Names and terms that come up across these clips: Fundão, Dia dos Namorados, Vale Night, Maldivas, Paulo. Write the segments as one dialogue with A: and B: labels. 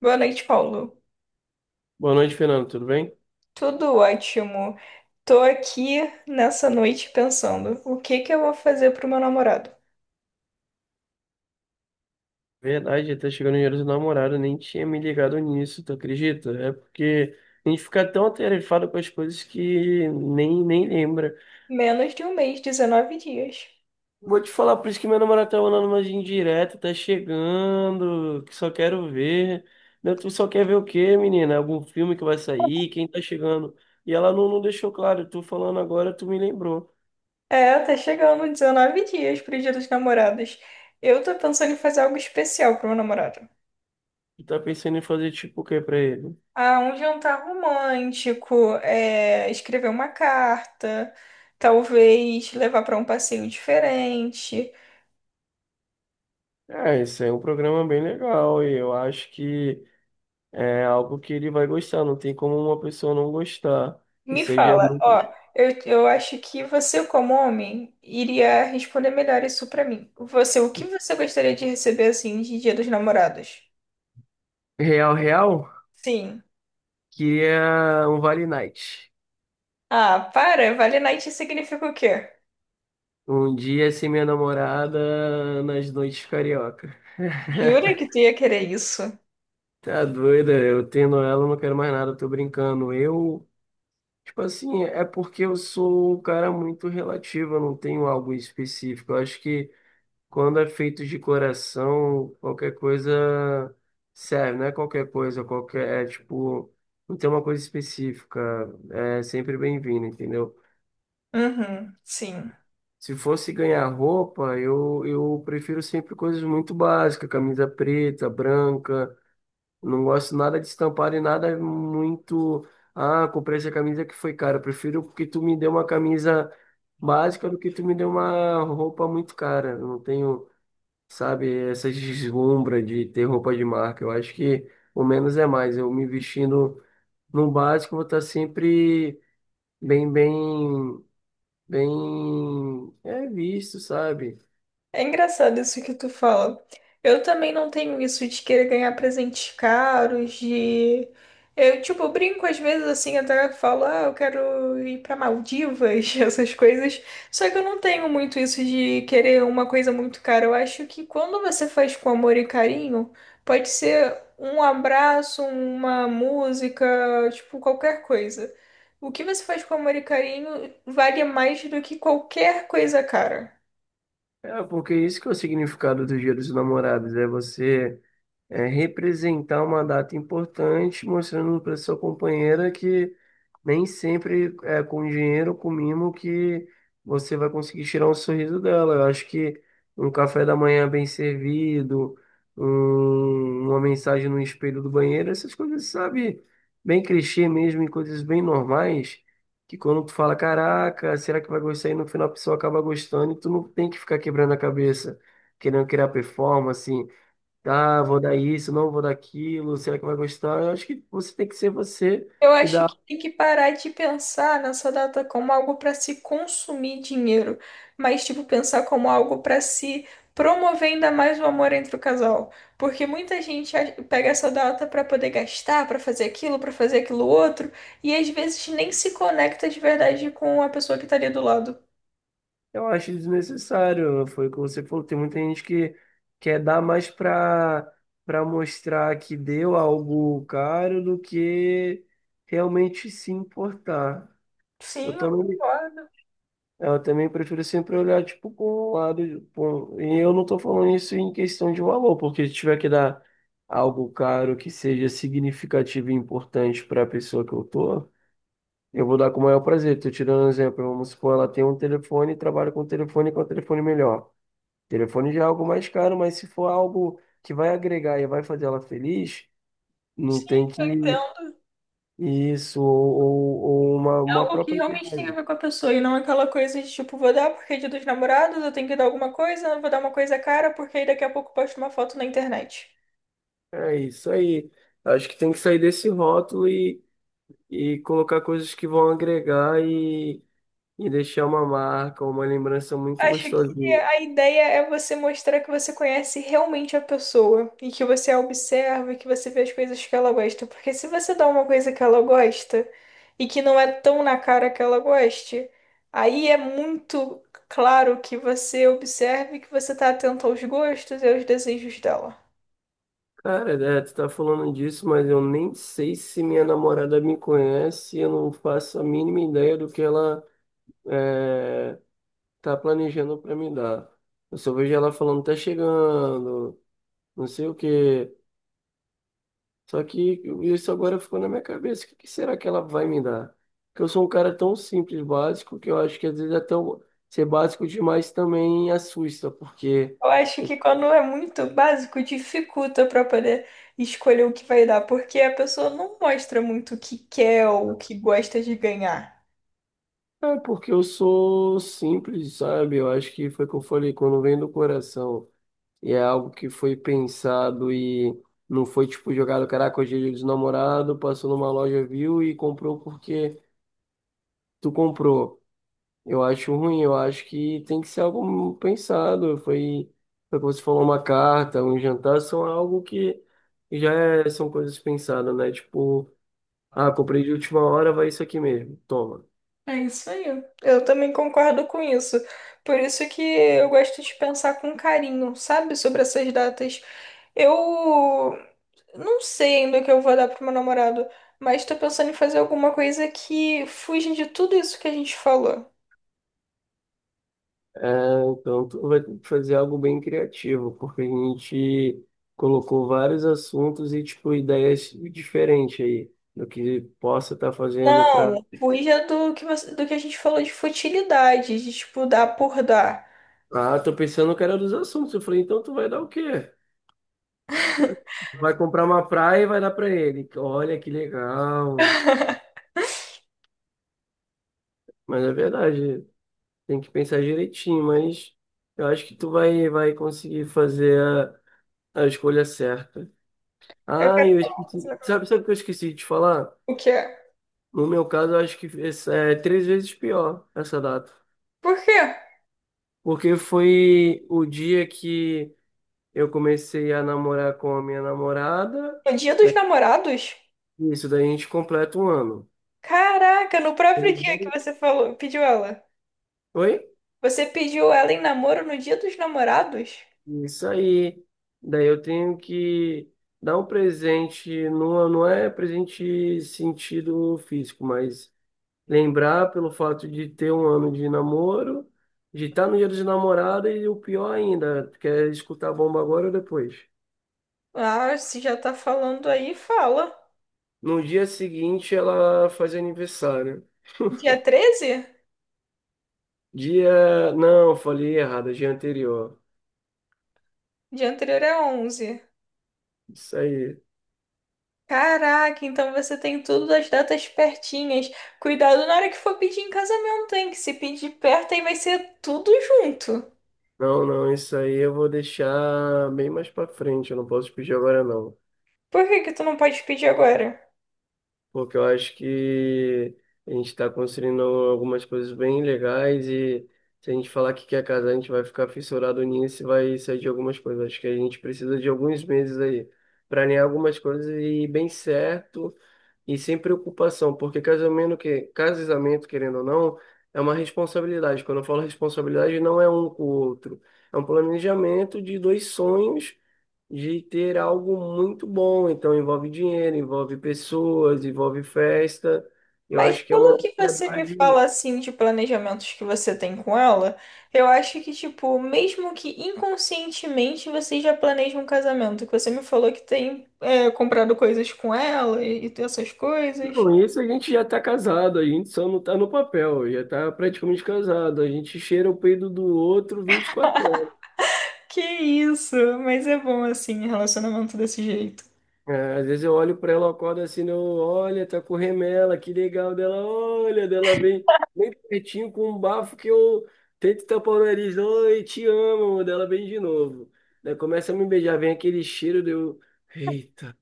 A: Boa noite, Paulo.
B: Boa noite, Fernando. Tudo bem?
A: Tudo ótimo. Tô aqui nessa noite pensando, o que que eu vou fazer pro meu namorado?
B: Verdade, tá chegando o dinheiro do namorado, nem tinha me ligado nisso, tu acredita? É porque a gente fica tão atarefado com as coisas que nem lembra.
A: Menos de um mês, 19 dias.
B: Vou te falar, por isso que meu namorado tá mandando umas indiretas, tá chegando, que só quero ver. Não, tu só quer ver o quê, menina? Algum filme que vai sair? Quem tá chegando? E ela não deixou claro, tu falando agora, tu me lembrou.
A: É, tá chegando 19 dias pro Dia dos Namorados. Eu tô pensando em fazer algo especial pro meu namorado.
B: Tu tá pensando em fazer tipo o quê pra ele?
A: Ah, um jantar romântico, é, escrever uma carta, talvez levar pra um passeio diferente.
B: É, esse é um programa bem legal e eu acho que. É algo que ele vai gostar, não tem como uma pessoa não gostar.
A: Me
B: Isso aí já é
A: fala,
B: muito...
A: ó, eu acho que você, como homem, iria responder melhor isso pra mim. Você, o que você gostaria de receber assim de Dia dos Namorados?
B: Real, real,
A: Sim.
B: queria um Vale Night.
A: Ah, para, Vale Night significa o quê?
B: Um dia sem minha namorada nas noites carioca.
A: Jura que tu ia querer isso?
B: Tá doida, eu tendo ela, eu não quero mais nada, eu tô brincando. Eu, tipo assim, é porque eu sou um cara muito relativo, eu não tenho algo específico. Eu acho que quando é feito de coração, qualquer coisa serve, não é qualquer coisa, qualquer, é tipo, não tem uma coisa específica, é sempre bem-vindo, entendeu?
A: Uhum, sim.
B: Se fosse ganhar roupa, eu prefiro sempre coisas muito básicas, camisa preta, branca, não gosto nada de estampar e nada muito, ah, comprei essa camisa que foi cara, eu prefiro que tu me dê uma camisa básica do que tu me dê uma roupa muito cara, eu não tenho sabe? Essa deslumbra de ter roupa de marca. Eu acho que o menos é mais. Eu me vestindo no básico, vou estar sempre bem, bem, bem é visto, sabe?
A: É engraçado isso que tu fala. Eu também não tenho isso de querer ganhar presentes caros, de... Eu, tipo, brinco às vezes assim, até falo, ah, eu quero ir pra Maldivas, essas coisas. Só que eu não tenho muito isso de querer uma coisa muito cara. Eu acho que quando você faz com amor e carinho, pode ser um abraço, uma música, tipo, qualquer coisa. O que você faz com amor e carinho vale mais do que qualquer coisa cara.
B: É, porque isso que é o significado do Dia dos Namorados, é você é, representar uma data importante, mostrando para sua companheira que nem sempre é com dinheiro, com mimo, que você vai conseguir tirar um sorriso dela. Eu acho que um café da manhã bem servido, uma mensagem no espelho do banheiro, essas coisas, sabe, bem clichê mesmo, e coisas bem normais, que quando tu fala, caraca, será que vai gostar? E no final a pessoa acaba gostando e tu não tem que ficar quebrando a cabeça, querendo criar performance, ah, vou dar isso, não vou dar aquilo, será que vai gostar? Eu acho que você tem que ser você.
A: Eu
B: E
A: acho
B: dar
A: que tem que parar de pensar nessa data como algo para se consumir dinheiro, mas tipo pensar como algo para se promover ainda mais o amor entre o casal, porque muita gente pega essa data para poder gastar, para fazer aquilo outro, e às vezes nem se conecta de verdade com a pessoa que tá ali do lado.
B: Eu acho desnecessário. Foi o que você falou. Tem muita gente que quer dar mais para mostrar que deu algo caro do que realmente se importar.
A: Sim,
B: Eu
A: eu
B: também,
A: concordo.
B: eu também prefiro sempre olhar tipo com o lado. E eu não estou falando isso em questão de valor, porque se tiver que dar algo caro que seja significativo e importante para a pessoa que eu tô, eu vou dar com o maior prazer. Estou tirando um exemplo. Vamos supor, ela tem um telefone e trabalha com um telefone melhor. Telefone já é algo mais caro, mas se for algo que vai agregar e vai fazer ela feliz, não
A: Sim,
B: tem
A: eu
B: que
A: entendo.
B: isso, ou- ou uma,
A: É
B: uma
A: algo que
B: própria
A: realmente tem a
B: viagem.
A: ver com a pessoa e não é aquela coisa de tipo, vou dar porque é dia dos namorados, eu tenho que dar alguma coisa, vou dar uma coisa cara, porque aí daqui a pouco eu posto uma foto na internet.
B: É isso aí. Acho que tem que sair desse rótulo e, colocar coisas que vão agregar e deixar uma marca, uma lembrança muito
A: Acho que
B: gostosinha.
A: a ideia é você mostrar que você conhece realmente a pessoa e que você a observa e que você vê as coisas que ela gosta. Porque se você dá uma coisa que ela gosta e que não é tão na cara que ela goste, aí é muito claro que você observe que você está atento aos gostos e aos desejos dela.
B: Cara, né, tu tá falando disso, mas eu nem sei se minha namorada me conhece, eu não faço a mínima ideia do que ela. É, tá planejando pra me dar. Eu só vejo ela falando, tá chegando, não sei o quê. Só que isso agora ficou na minha cabeça. O que que será que ela vai me dar? Porque eu sou um cara tão simples, básico, que eu acho que às vezes até eu ser básico demais também assusta, porque
A: Eu acho que quando é muito básico, dificulta para poder escolher o que vai dar, porque a pessoa não mostra muito o que quer ou o que gosta de ganhar.
B: é porque eu sou simples, sabe? Eu acho que foi o que eu falei, quando vem do coração e é algo que foi pensado e não foi tipo jogado, caraca, hoje é dia dos namorados, passou numa loja, viu e comprou porque tu comprou. Eu acho ruim, eu acho que tem que ser algo pensado. Foi como você falou, uma carta, um jantar, são algo que são coisas pensadas, né? Tipo, ah, comprei de última hora, vai isso aqui mesmo, toma.
A: É isso aí. Eu também concordo com isso. Por isso que eu gosto de pensar com carinho, sabe, sobre essas datas. Eu não sei ainda o que eu vou dar pro meu namorado, mas tô pensando em fazer alguma coisa que fuja de tudo isso que a gente falou.
B: É, então tu vai ter que fazer algo bem criativo, porque a gente colocou vários assuntos e, tipo, ideias diferentes aí do que possa estar fazendo pra.
A: Não, fuja do que a gente falou de futilidade, de tipo dar por dar.
B: Ah, tô pensando que era dos assuntos. Eu falei, então tu vai dar o quê? Vai comprar uma praia e vai dar pra ele. Olha que legal. Mas é verdade, tem que pensar direitinho, mas eu acho que tu vai conseguir fazer a escolha certa.
A: Eu
B: Ah,
A: quero
B: eu
A: fazer,
B: esqueci. Sabe, sabe o que eu esqueci de te falar?
A: o que é?
B: No meu caso, eu acho que é três vezes pior essa data.
A: Por quê?
B: Porque foi o dia que eu comecei a namorar com a minha namorada.
A: No dia dos
B: Da-
A: namorados?
B: Isso, daí a gente completa um ano.
A: Caraca, no próprio
B: Eu-
A: dia que você falou, pediu ela.
B: Oi?
A: Você pediu ela em namoro no Dia dos Namorados?
B: Isso aí. Daí eu tenho que dar um presente, não, não é presente sentido físico, mas lembrar pelo fato de ter um ano de namoro, de estar no dia dos namorados e o pior ainda, quer escutar a bomba agora ou depois.
A: Ah, se já tá falando aí, fala.
B: No dia seguinte ela faz aniversário.
A: Dia treze?
B: Dia. Não, falei errado, dia anterior.
A: Dia anterior é 11.
B: Isso aí.
A: Caraca, então você tem tudo das datas pertinhas. Cuidado na hora que for pedir em casamento, hein? Que se pedir perto aí vai ser tudo junto.
B: Não, não, isso aí eu vou deixar bem mais pra frente, eu não posso pedir agora não.
A: Por que que tu não pode pedir agora?
B: Porque eu acho que a gente está construindo algumas coisas bem legais e se a gente falar que quer casar, a gente vai ficar fissurado nisso e vai sair de algumas coisas. Acho que a gente precisa de alguns meses aí, planear algumas coisas e ir bem certo e sem preocupação, porque casamento, querendo ou não, é uma responsabilidade. Quando eu falo responsabilidade, não é um com o outro, é um planejamento de dois sonhos de ter algo muito bom. Então, envolve dinheiro, envolve pessoas, envolve festa. Eu
A: Mas
B: acho que é uma
A: pelo que você me
B: ansiedade.
A: fala assim de planejamentos que você tem com ela, eu acho que, tipo, mesmo que inconscientemente você já planeja um casamento, que você me falou que tem é, comprado coisas com ela e essas coisas.
B: Não, isso a gente já está casado, a gente só não está no papel, já está praticamente casado. A gente cheira o peido do outro 24
A: Que isso, mas é bom assim, relacionamento desse jeito.
B: É, às vezes eu olho pra ela, eu acordo assim, né, eu olha, tá com remela, que legal dela, olha, dela vem bem pertinho com um bafo que eu tento tapar o nariz, oi, te amo, dela vem de novo. Daí começa a me beijar, vem aquele cheiro, deu, eita,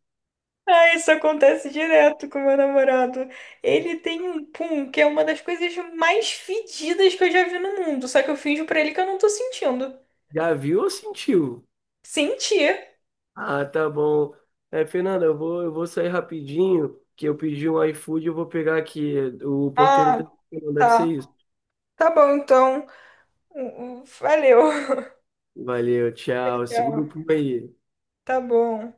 A: Ah, isso acontece direto com meu namorado. Ele tem um pum, que é uma das coisas mais fedidas que eu já vi no mundo, só que eu finjo pra ele que eu não tô sentindo.
B: já viu ou sentiu?
A: Sentir.
B: Ah, tá bom. É, Fernanda, eu vou sair rapidinho, que eu pedi um iFood, eu vou pegar aqui, o porteiro
A: Ah,
B: tá... deve ser
A: tá.
B: isso.
A: Tá bom, então. Valeu.
B: Valeu, tchau, segura
A: Tchau.
B: o pulo aí.
A: Tá bom.